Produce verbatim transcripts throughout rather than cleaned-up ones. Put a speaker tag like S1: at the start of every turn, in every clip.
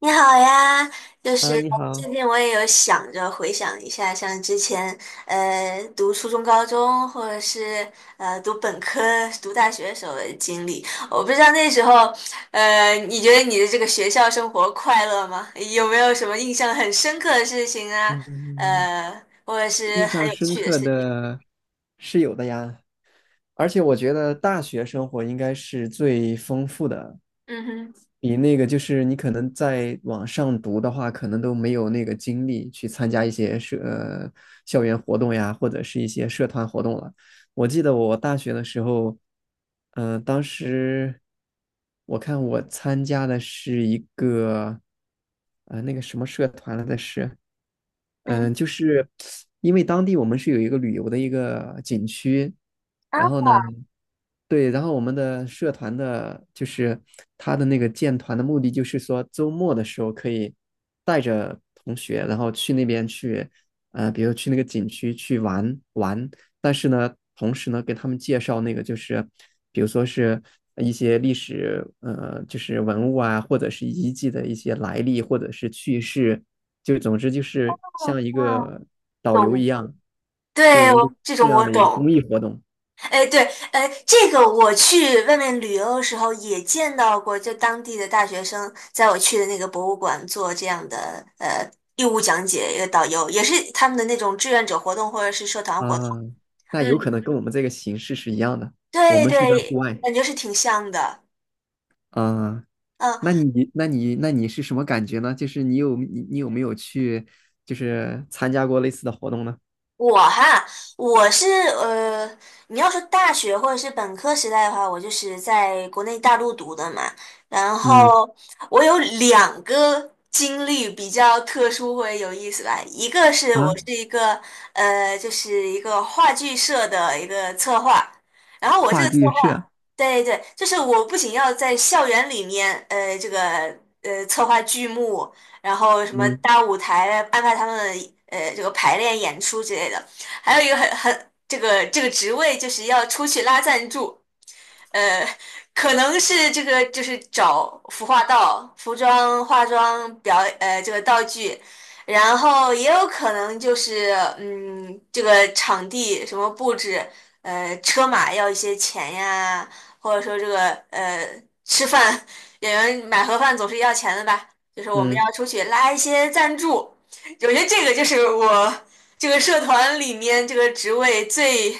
S1: 你好呀，就是
S2: 啊，你好。
S1: 最近我也有想着回想一下，像之前呃读初中、高中，或者是呃读本科、读大学时候的经历。我不知道那时候，呃，你觉得你的这个学校生活快乐吗？有没有什么印象很深刻的事情啊？
S2: 嗯，
S1: 呃，或者是
S2: 印
S1: 很
S2: 象
S1: 有
S2: 深
S1: 趣的
S2: 刻
S1: 事情？
S2: 的是有的呀，而且我觉得大学生活应该是最丰富的，
S1: 嗯哼。
S2: 比那个就是你可能在网上读的话，可能都没有那个精力去参加一些社，呃，校园活动呀，或者是一些社团活动了。我记得我大学的时候，嗯、当时我看我参加的是一个，呃，那个什么社团来的是。
S1: 嗯。
S2: 嗯，就是因为当地我们是有一个旅游的一个景区，
S1: 啊。
S2: 然后呢，对，然后我们的社团的，就是他的那个建团的目的，就是说周末的时候可以带着同学，然后去那边去，呃，比如去那个景区去玩玩。但是呢，同时呢，给他们介绍那个就是，比如说是一些历史，呃，就是文物啊，或者是遗迹的一些来历，或者是趣事，就总之就是像一
S1: 啊，
S2: 个导游一
S1: 懂。
S2: 样，
S1: 对，
S2: 就
S1: 我这种
S2: 这
S1: 我
S2: 样的一个
S1: 懂。
S2: 公益活动。
S1: 哎，对，哎，这个我去外面旅游的时候也见到过，就当地的大学生在我去的那个博物馆做这样的呃义务讲解，一个导游也是他们的那种志愿者活动或者是社团活动。
S2: 啊，那
S1: 嗯，
S2: 有可能跟我们这个形式是一样的，我
S1: 对
S2: 们是在户
S1: 对，
S2: 外。
S1: 感觉是挺像的。
S2: 啊，
S1: 嗯，
S2: 那你那你那你是什么感觉呢？就是你有你你有没有去，就是参加过类似的活动呢？
S1: 我哈，我是呃，你要说大学或者是本科时代的话，我就是在国内大陆读的嘛。然
S2: 嗯。
S1: 后我有两个经历比较特殊或者有意思吧，一个是我
S2: 啊，
S1: 是一个呃，就是一个话剧社的一个策划，然后我这
S2: 话
S1: 个策
S2: 剧
S1: 划，
S2: 社。
S1: 对对，就是我不仅要在校园里面呃这个呃策划剧目。然后什么
S2: 嗯
S1: 大舞台啊安排他们呃这个排练演出之类的。还有一个很很这个这个职位就是要出去拉赞助，呃，可能是这个就是找服化道、服装、化妆表呃这个道具，然后也有可能就是嗯这个场地什么布置，呃车马要一些钱呀，或者说这个呃吃饭演员买盒饭总是要钱的吧，就是我们
S2: 嗯
S1: 要出去拉一些赞助，我觉得这个就是我这个社团里面这个职位最。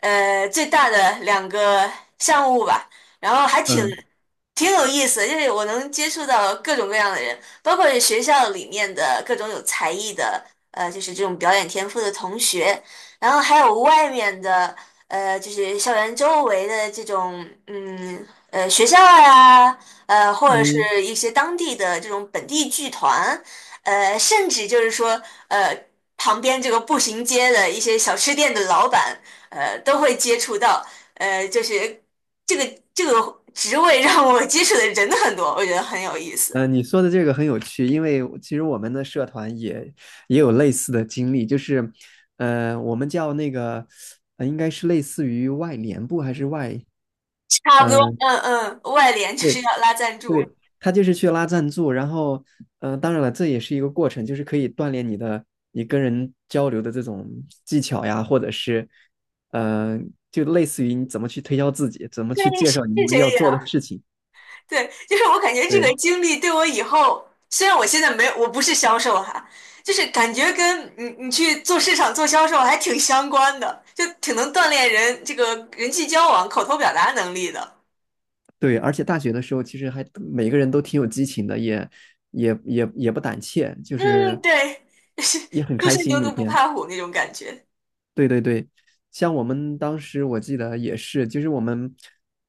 S1: 呃最大的两个项目吧，然后还挺
S2: 嗯
S1: 挺有意思的就是我能接触到各种各样的人，包括是学校里面的各种有才艺的，呃，就是这种表演天赋的同学，然后还有外面的，呃，就是校园周围的这种，嗯，呃，学校呀，呃，或者是
S2: 嗯。
S1: 一些当地的这种本地剧团，呃，甚至就是说，呃，旁边这个步行街的一些小吃店的老板，呃，都会接触到。呃，就是这个这个职位让我接触的人很多，我觉得很有意思。
S2: 呃，你说的这个很有趣，因为其实我们的社团也也有类似的经历，就是，呃，我们叫那个，呃应该是类似于外联部还是外，
S1: 差不多，
S2: 呃，
S1: 嗯嗯，外联就是
S2: 对。
S1: 要拉赞助，
S2: 对，他就是去拉赞助，然后，嗯，当然了，这也是一个过程，就是可以锻炼你的你跟人交流的这种技巧呀，或者是，呃，就类似于你怎么去推销自己，怎么去
S1: 对，
S2: 介
S1: 是
S2: 绍你们要
S1: 这
S2: 做
S1: 样。
S2: 的事情。
S1: 对，就是我感觉这个
S2: 对
S1: 经历对我以后，虽然我现在没有，我不是销售哈，就是感觉跟你你去做市场做销售还挺相关的，就挺能锻炼人这个人际交往、口头表达能力的。
S2: 对，而且大学的时候，其实还每个人都挺有激情的，也也也也不胆怯，就是
S1: 嗯，对，就是
S2: 也很
S1: 初
S2: 开
S1: 生
S2: 心
S1: 牛
S2: 每
S1: 犊不
S2: 天。
S1: 怕虎那种感觉。
S2: 对对对，像我们当时我记得也是，就是我们，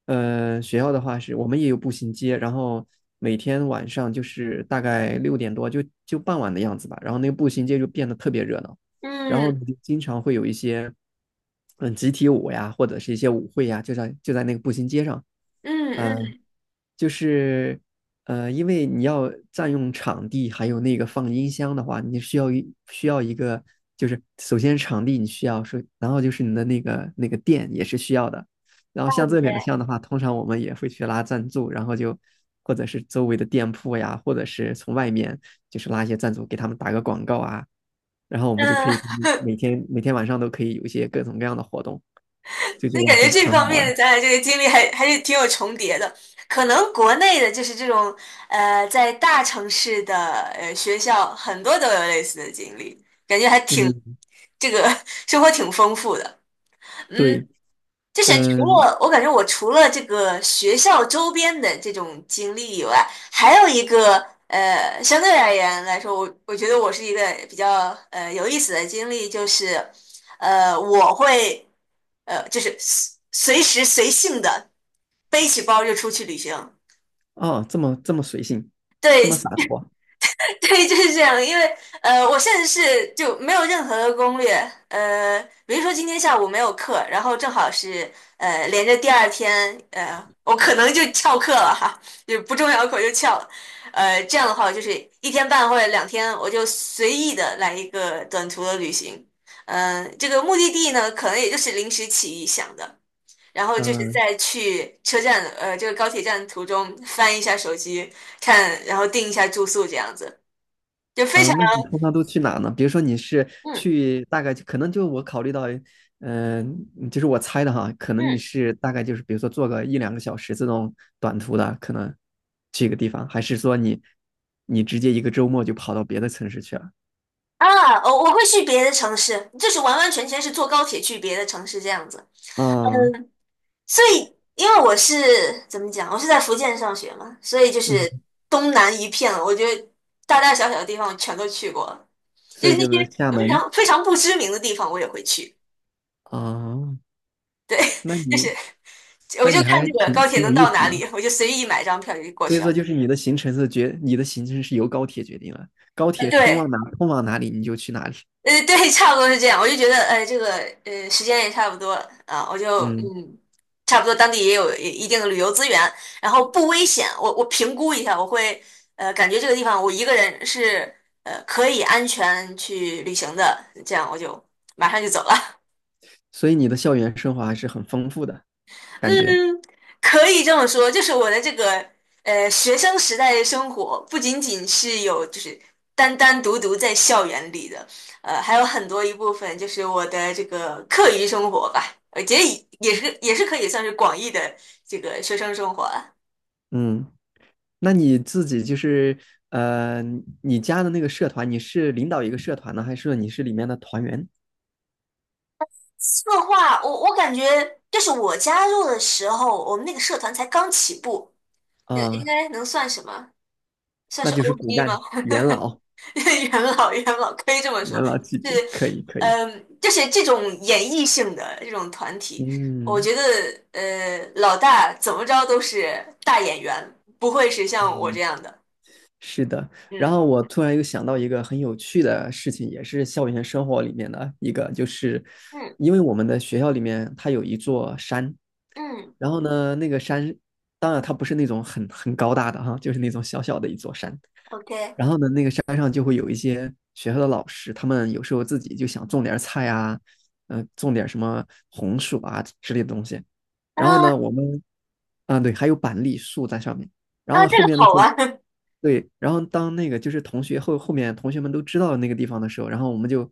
S2: 呃，学校的话是我们也有步行街，然后每天晚上就是大概六点多就就傍晚的样子吧，然后那个步行街就变得特别热闹，然后
S1: 嗯
S2: 你就经常会有一些，嗯，集体舞呀，或者是一些舞会呀，就在就在那个步行街上。
S1: 嗯
S2: 嗯、
S1: 嗯，
S2: 就是呃，因为你要占用场地，还有那个放音箱的话，你需要一需要一个，就是首先场地你需要是，然后就是你的那个那个店也是需要的。然后像
S1: 嗯，
S2: 这边的
S1: 对。
S2: 像的话，通常我们也会去拉赞助，然后就或者是周围的店铺呀，或者是从外面就是拉一些赞助给他们打个广告啊，然后我们就可
S1: 嗯。
S2: 以 每天每天晚上都可以有一些各种各样的活动，就觉
S1: 所以
S2: 得
S1: 感觉
S2: 很
S1: 这
S2: 很
S1: 方
S2: 好
S1: 面的
S2: 玩。
S1: 咱俩这个经历还还是挺有重叠的。可能国内的就是这种呃，在大城市的呃学校，很多都有类似的经历，感觉还挺
S2: 嗯，
S1: 这个 生活挺丰富的。嗯，
S2: 对。
S1: 就是除
S2: 嗯。
S1: 了我感觉我除了这个学校周边的这种经历以外，还有一个呃，相对而言来说，我我觉得我是一个比较呃有意思的经历，就是呃我会呃就是随随时随性的背起包就出去旅行。
S2: 哦，这么这么随性，这
S1: 对，
S2: 么洒脱。
S1: 对，就是这样。因为呃，我甚至是就没有任何的攻略。呃，比如说今天下午没有课，然后正好是呃连着第二天，呃，我可能就翘课了哈，就不重要的课我就翘了。呃，这样的话，我就是一天半或者两天，我就随意的来一个短途的旅行。嗯、呃，这个目的地呢，可能也就是临时起意想的，然后就是
S2: 嗯。
S1: 在去车站，呃，这个高铁站途中翻一下手机看，然后订一下住宿这样子。就非
S2: 啊，呃
S1: 常。
S2: 那你通常都去哪呢？比如说你是
S1: 嗯
S2: 去大概可能就我考虑到，嗯、就是我猜的哈，可能你
S1: 嗯。
S2: 是大概就是比如说坐个一两个小时这种短途的，可能去一个地方，还是说你你直接一个周末就跑到别的城市去了？
S1: 啊，我我会去别的城市，就是完完全全是坐高铁去别的城市这样子。
S2: 啊。
S1: 所以，因为我是怎么讲，我是在福建上学嘛，所以就是
S2: 嗯，
S1: 东南一片了我觉得大大小小的地方我全都去过了，就
S2: 所以
S1: 是那
S2: 就是
S1: 些
S2: 厦
S1: 非
S2: 门。
S1: 常非常不知名的地方我也会去。
S2: 啊，
S1: 对，
S2: 那
S1: 就是
S2: 你
S1: 我
S2: 那
S1: 就
S2: 你
S1: 看
S2: 还
S1: 这个
S2: 挺
S1: 高铁
S2: 挺有
S1: 能
S2: 意
S1: 到
S2: 思
S1: 哪里，
S2: 的。
S1: 我就随意买张票就过
S2: 所以
S1: 去了。
S2: 说就是你的行程是决，你的行程是由高铁决定了，高
S1: 啊，
S2: 铁通往
S1: 对。
S2: 哪通往哪里你就去哪里。
S1: 呃，对，差不多是这样。我就觉得，呃，这个呃，时间也差不多啊，我就
S2: 嗯。
S1: 嗯，差不多当地也有一定的旅游资源，然后不危险。我我评估一下，我会呃，感觉这个地方我一个人是呃可以安全去旅行的，这样我就马上就走了。
S2: 所以你的校园生活还是很丰富的感觉。
S1: 嗯，可以这么说，就是我的这个呃学生时代的生活，不仅仅是有就是单单独独在校园里的，呃，还有很多一部分就是我的这个课余生活吧，我觉得也也是也是可以算是广义的这个学生生活了。
S2: 嗯，那你自己就是呃，你加的那个社团，你是领导一个社团呢，还是说你是里面的团员
S1: 策划，我我感觉就是我加入的时候，我们那个社团才刚起步，呃应
S2: 啊？
S1: 该能算什么？算
S2: 那
S1: 是
S2: 就是骨
S1: O G 吗？
S2: 干元老，
S1: 元老，元老可以这么说，
S2: 元老级
S1: 是，
S2: 别，可以可以。
S1: 嗯，就是这种演绎性的这种团体，我
S2: 嗯
S1: 觉得，呃，老大怎么着都是大演员，不会是像我
S2: 嗯，
S1: 这样的。
S2: 是的。然
S1: 嗯
S2: 后我突然又想到一个很有趣的事情，也是校园生活里面的一个，就是
S1: 嗯
S2: 因为我们的学校里面它有一座山，
S1: 嗯
S2: 然后呢，那个山，当然它不是那种很很高大的哈，就是那种小小的一座山，
S1: ，OK,
S2: 然后呢，那个山上就会有一些学校的老师，他们有时候自己就想种点菜啊，嗯、种点什么红薯啊之类的东西。然后
S1: 啊。
S2: 呢，我们啊，对，还有板栗树在上面。然
S1: 啊，
S2: 后
S1: 这
S2: 后
S1: 个
S2: 面的
S1: 好
S2: 时候，
S1: 玩，
S2: 对，然后当那个就是同学后后面同学们都知道那个地方的时候，然后我们就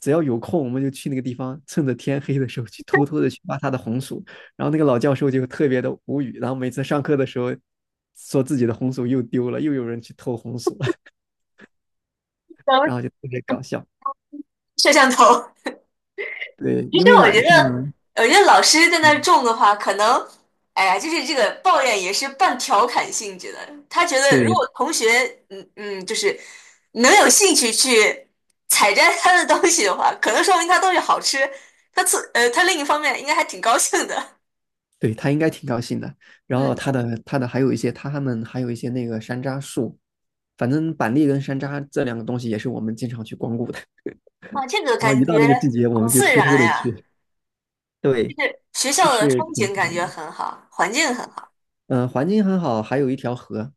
S2: 只要有空，我们就去那个地方，趁着天黑的时候去偷偷的去挖他的红薯。然后那个老教授就特别的无语，然后每次上课的时候说自己的红薯又丢了，又有人去偷红薯。
S1: 咱们
S2: 然后就特别搞笑。
S1: 摄像头。
S2: 对，
S1: 其
S2: 因
S1: 实
S2: 为
S1: 我
S2: 晚
S1: 觉
S2: 上，
S1: 得，我觉得老师在那儿
S2: 嗯，
S1: 种的话，可能，哎呀，就是这个抱怨也是半调侃性质的。他觉得如
S2: 对
S1: 果同学，嗯嗯，就是能有兴趣去采摘他的东西的话，可能说明他东西好吃。他自呃，他另一方面应该还挺高兴的
S2: 对，他应该挺高兴的。然后
S1: 嗯，
S2: 他的他的还有一些他们还有一些那个山楂树，反正板栗跟山楂这两个东西也是我们经常去光顾的。
S1: 啊，这个
S2: 然后一
S1: 感
S2: 到那个季
S1: 觉
S2: 节，我
S1: 好
S2: 们就
S1: 自
S2: 偷偷
S1: 然
S2: 的
S1: 呀，
S2: 去 对，
S1: 就是学
S2: 就
S1: 校的
S2: 是
S1: 风
S2: 挺
S1: 景
S2: 自
S1: 感
S2: 然
S1: 觉
S2: 的。
S1: 很好，环境很好
S2: 嗯、呃环境很好，还有一条河，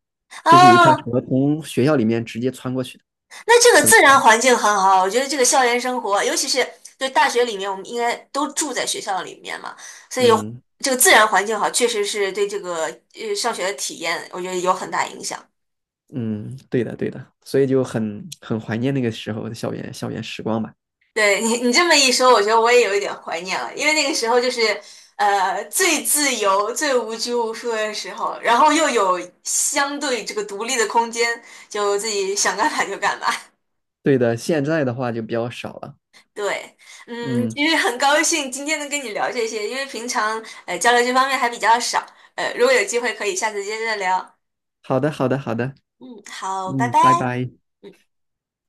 S2: 就是有一条
S1: 啊。
S2: 河从学校里面直接穿过去的，
S1: 那这个
S2: 特别
S1: 自然
S2: 长。
S1: 环境很好，我觉得这个校园生活，尤其是对大学里面，我们应该都住在学校里面嘛，所以
S2: 嗯
S1: 这个自然环境好，确实是对这个呃上学的体验，我觉得有很大影响。
S2: 嗯，对的对的，所以就很很怀念那个时候的校园校园时光吧。
S1: 对你，你这么一说，我觉得我也有一点怀念了，因为那个时候就是呃最自由、最无拘无束的时候，然后又有相对这个独立的空间，就自己想干嘛就干嘛。
S2: 对的，现在的话就比较少了。
S1: 对，嗯，
S2: 嗯，
S1: 其实很高兴今天能跟你聊这些，因为平常呃交流这方面还比较少，呃，如果有机会可以下次接着聊。
S2: 好的，好的，好的。
S1: 嗯，好，拜
S2: 嗯，
S1: 拜。
S2: 拜拜。
S1: 嗯。